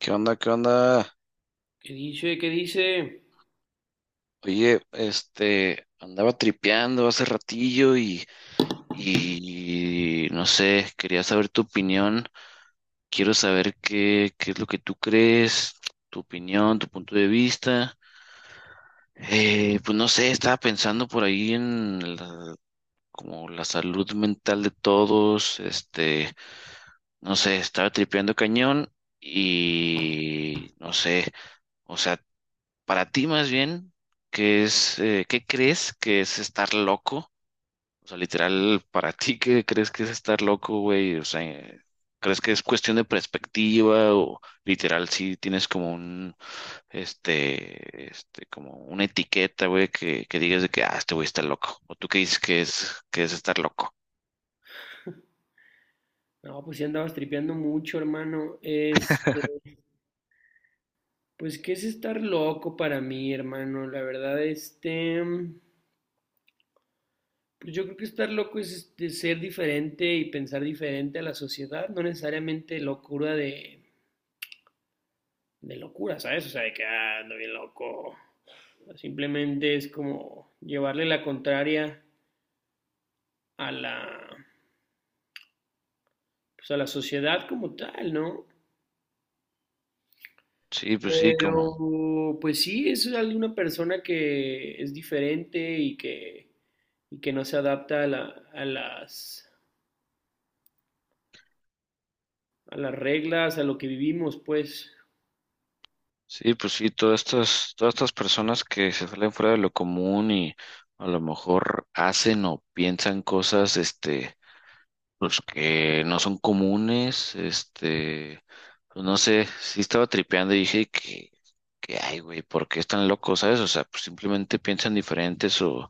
¿Qué onda? ¿Qué onda? ¿Qué dice? ¿Qué dice? Oye, andaba tripeando hace ratillo y no sé, quería saber tu opinión. Quiero saber qué es lo que tú crees, tu opinión, tu punto de vista. Pues no sé, estaba pensando por ahí en como la salud mental de todos. No sé, estaba tripeando cañón y no sé. O sea, para ti más bien, ¿qué es, qué crees que es estar loco? O sea, literal, para ti, ¿qué crees que es estar loco, güey? O sea, ¿crees que es cuestión de perspectiva o literal si tienes como un, como una etiqueta, güey, que digas de que, ah, este güey está loco? ¿O tú qué dices que que es estar loco? No, pues ya andabas tripeando mucho, hermano. Pues qué es estar loco para mí, hermano. La verdad, pues yo creo que estar loco es ser diferente y pensar diferente a la sociedad, no necesariamente locura de locura, ¿sabes? O sea, de que ah, ando bien loco. Simplemente es como llevarle la contraria a la, pues a la sociedad como tal, ¿no? Sí, pues sí, como... Pero, pues sí, es alguna persona que es diferente y que no se adapta a a las reglas, a lo que vivimos, pues. Sí, pues sí, todas estas personas que se salen fuera de lo común y a lo mejor hacen o piensan cosas, pues que no son comunes, pues no sé, sí estaba tripeando y dije que ay, güey, ¿por qué están locos, sabes? O sea, pues simplemente piensan diferentes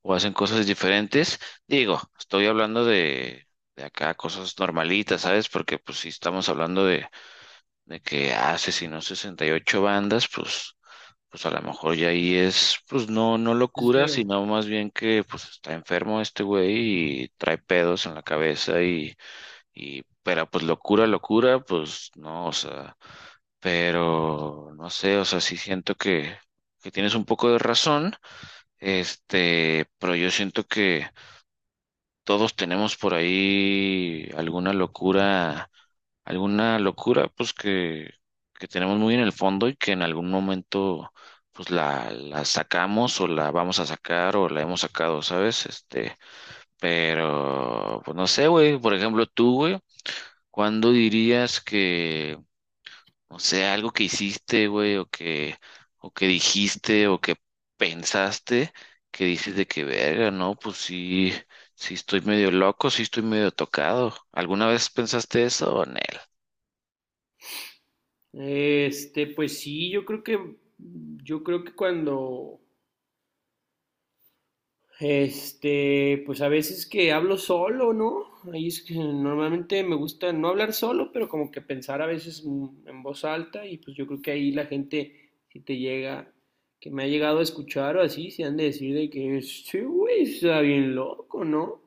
o hacen cosas diferentes. Digo, estoy hablando de acá cosas normalitas, ¿sabes? Porque pues si estamos hablando de que ah, asesinó 68 bandas, pues a lo mejor ya ahí es, pues no, no locura, Este, sino más bien que pues está enfermo este güey y trae pedos en la cabeza y pero pues locura, locura, pues no, o sea, pero no sé, o sea, sí siento que tienes un poco de razón, pero yo siento que todos tenemos por ahí alguna locura pues que tenemos muy en el fondo y que en algún momento pues la sacamos o la vamos a sacar o la hemos sacado, ¿sabes? Pero pues no sé, güey, por ejemplo, tú, güey, ¿cuándo dirías o sea, algo que hiciste, güey, o que dijiste o que pensaste que dices de que verga, ¿no? Pues sí. Sí estoy medio loco, sí estoy medio tocado. ¿Alguna vez pensaste eso o no? Pues sí, yo creo que pues a veces que hablo solo, ¿no? Ahí es que normalmente me gusta no hablar solo, pero como que pensar a veces en voz alta y pues yo creo que ahí la gente, si te llega, que me ha llegado a escuchar o así, se han de decir de que sí, güey, sí está bien loco, ¿no?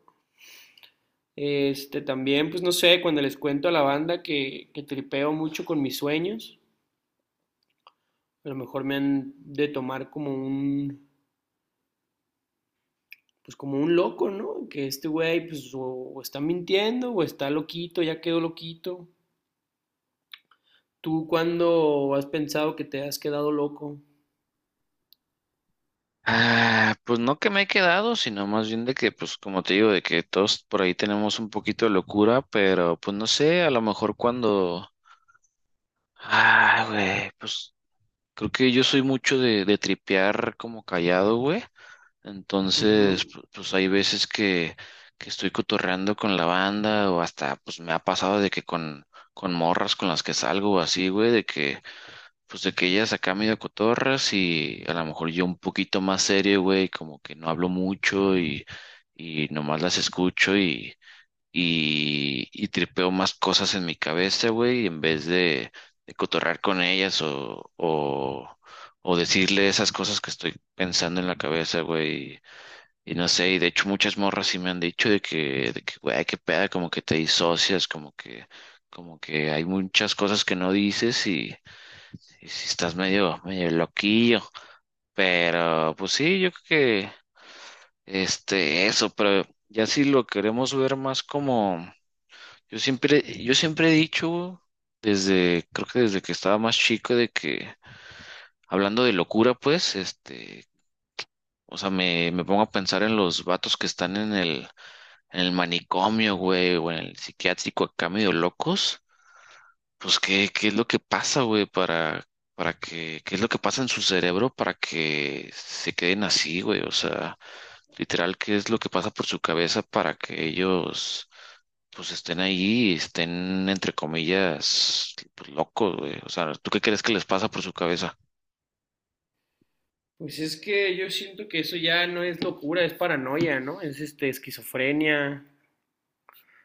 Este, también, pues no sé, cuando les cuento a la banda que tripeo mucho con mis sueños, a lo mejor me han de tomar como pues como un loco, ¿no? Que este güey pues o está mintiendo o está loquito, ya quedó loquito. ¿Tú cuándo has pensado que te has quedado loco? Ah, pues no que me he quedado, sino más bien de que, pues como te digo, de que todos por ahí tenemos un poquito de locura, pero pues no sé, a lo mejor cuando... Ah, güey, pues creo que yo soy mucho de tripear como callado, güey. Entonces, Ujú. pues hay veces que estoy cotorreando con la banda o hasta, pues me ha pasado de que con morras con las que salgo o así, güey, de que... Pues de que ellas acá medio cotorras y a lo mejor yo un poquito más serio, güey, como que no hablo mucho y nomás las escucho y tripeo más cosas en mi cabeza, güey, en vez de cotorrar con ellas o decirle esas cosas que estoy pensando en la cabeza, güey. Y no sé, y de hecho muchas morras sí me han dicho güey, qué peda, como que te disocias, como que hay muchas cosas que no dices y si estás medio, medio loquillo. Pero, pues sí, yo creo que eso, pero ya si lo queremos ver más como, yo siempre he dicho, desde, creo que desde que estaba más chico, de que, hablando de locura, pues, o sea, me pongo a pensar en los vatos que están en en el manicomio, güey, o en el psiquiátrico acá medio locos. Pues, qué es lo que pasa, güey, para, qué es lo que pasa en su cerebro para que se queden así, güey? O sea, literal, ¿qué es lo que pasa por su cabeza para que ellos, pues, estén ahí y estén, entre comillas, pues, locos, güey? O sea, ¿tú qué crees que les pasa por su cabeza? Pues es que yo siento que eso ya no es locura, es paranoia, ¿no? Es este esquizofrenia,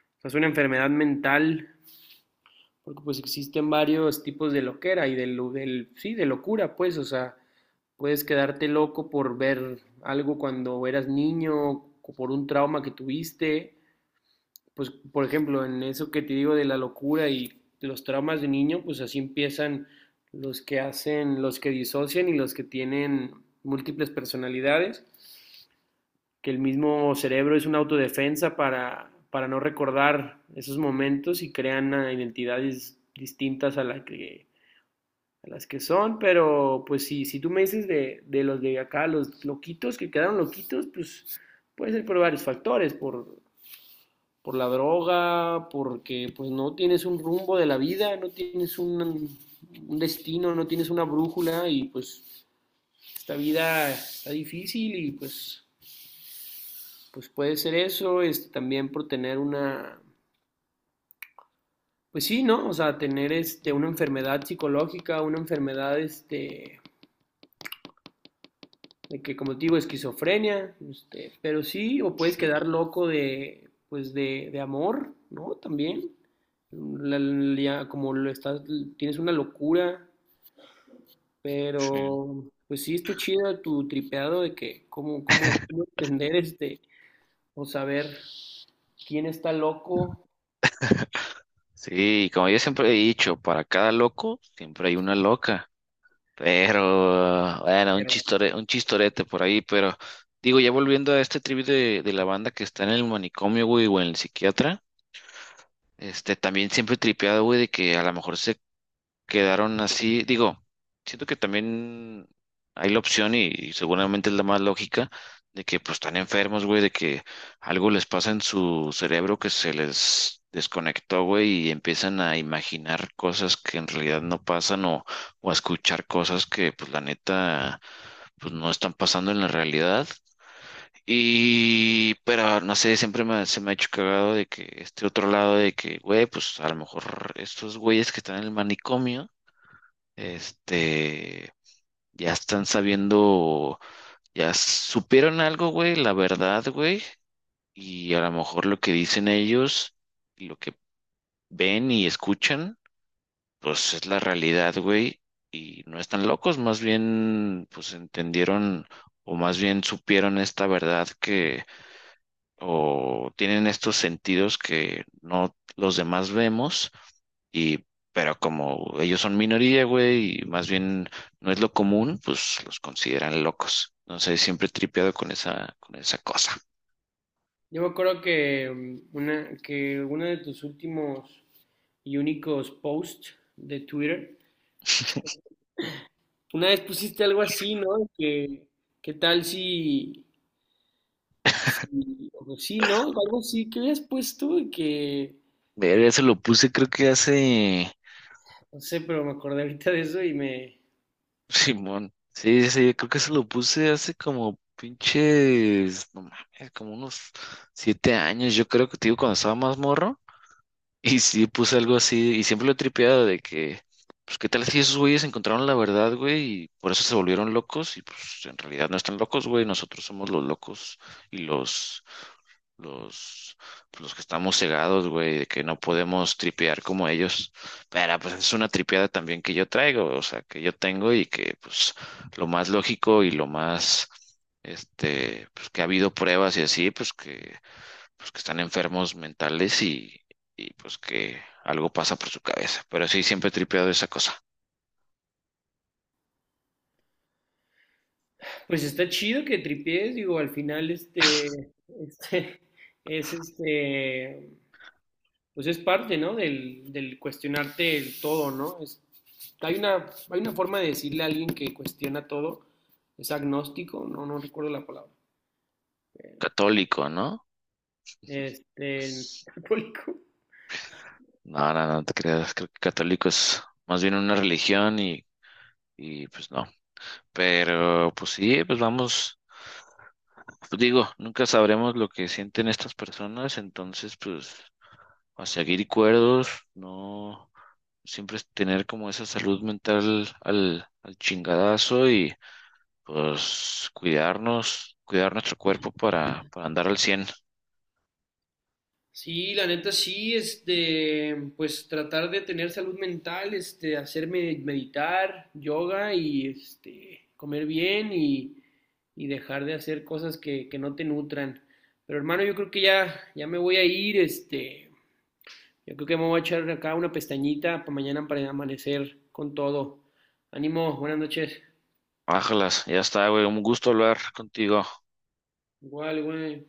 o sea, es una enfermedad mental. Porque pues existen varios tipos de loquera y sí, de locura, pues, o sea, puedes quedarte loco por ver algo cuando eras niño, o por un trauma que tuviste, pues, por ejemplo, en eso que te digo de la locura y los traumas de niño, pues así empiezan los que hacen, los que disocian y los que tienen múltiples personalidades, que el mismo cerebro es una autodefensa para no recordar esos momentos y crean identidades distintas a la que a las que son, pero pues sí, si tú me dices de los de acá, los loquitos que quedaron loquitos, pues puede ser por varios factores, por la droga, porque pues no tienes un rumbo de la vida, no tienes un destino, no tienes una brújula y pues esta vida está difícil y pues puede ser eso, es también por tener una, pues sí, ¿no? O sea, tener una enfermedad psicológica, una enfermedad de que como te digo, esquizofrenia, este, pero sí, o puedes Sí, quedar loco pues de amor, ¿no? También, la- la- como lo estás, tienes una locura, sí. pero pues sí, está chido tu tripeado de que, cómo entender este, o saber quién está loco, Sí, como yo siempre he dicho, para cada loco, siempre hay una loca. Pero, bueno, un pero chistore, un chistorete por ahí, pero digo, ya volviendo a este trip de la banda que está en el manicomio, güey, o en el psiquiatra, también siempre he tripeado, güey, de que a lo mejor se quedaron así. Digo, siento que también hay la opción y seguramente es la más lógica de que pues están enfermos, güey, de que algo les pasa en su cerebro que se les desconectó, güey, y empiezan a imaginar cosas que en realidad no pasan o a escuchar cosas que pues la neta pues no están pasando en la realidad. Y, pero no sé, siempre me, se me ha hecho cagado de que este otro lado de que, güey, pues a lo mejor estos güeyes que están en el manicomio este, ya están sabiendo, ya supieron algo, güey, la verdad, güey, y a lo mejor lo que dicen ellos, y lo que ven y escuchan, pues es la realidad, güey, y no están locos, más bien, pues entendieron, o más bien supieron esta verdad que, o tienen estos sentidos que no los demás vemos. Y, pero como ellos son minoría, güey, y más bien no es lo común, pues los consideran locos. No sé, siempre he tripeado con esa cosa. yo me acuerdo que que uno de tus últimos y únicos posts de Twitter, una vez pusiste algo así, ¿no? ¿Qué tal si, o pues sí, ¿no? Algo así que habías puesto y que, Ver, eso lo puse, creo que hace. no sé, pero me acordé ahorita de eso y me, Simón. Sí, sí, sí, creo que eso lo puse hace como pinches. No mames, como unos 7 años. Yo creo que, te digo, cuando estaba más morro. Y sí, puse algo así, y siempre lo he tripeado de que, pues, ¿qué tal si esos güeyes encontraron la verdad, güey? Y por eso se volvieron locos, y pues en realidad no están locos, güey, nosotros somos los locos y los, pues, los que estamos cegados, güey, de que no podemos tripear como ellos. Pero pues es una tripeada también que yo traigo, o sea, que yo tengo y que pues lo más lógico y lo más, pues que ha habido pruebas y así, pues que están enfermos mentales y pues que algo pasa por su cabeza. Pero sí, siempre he tripeado esa cosa. pues está chido que tripies, digo, al final este, es este, pues es parte, ¿no? Del cuestionarte el todo, ¿no? Es, hay una forma de decirle a alguien que cuestiona todo, es agnóstico, no, no recuerdo la palabra, Católico, ¿no? este, católico. No, no, no te creas, creo que católico es más bien una religión y pues no. Pero pues sí, pues vamos, pues digo, nunca sabremos lo que sienten estas personas, entonces pues a seguir cuerdos, no, siempre es tener como esa salud mental al chingadazo y pues cuidarnos, cuidar nuestro cuerpo para andar al 100. Sí, la neta sí, este, pues tratar de tener salud mental, este, hacerme meditar, yoga y este, comer bien y dejar de hacer cosas que no te nutran. Pero hermano, yo creo que ya, ya me voy a ir, este, yo creo que me voy a echar acá una pestañita para mañana para amanecer con todo. Ánimo, buenas noches. Ájalas, ya está, güey. Un gusto hablar contigo. Igual, güey.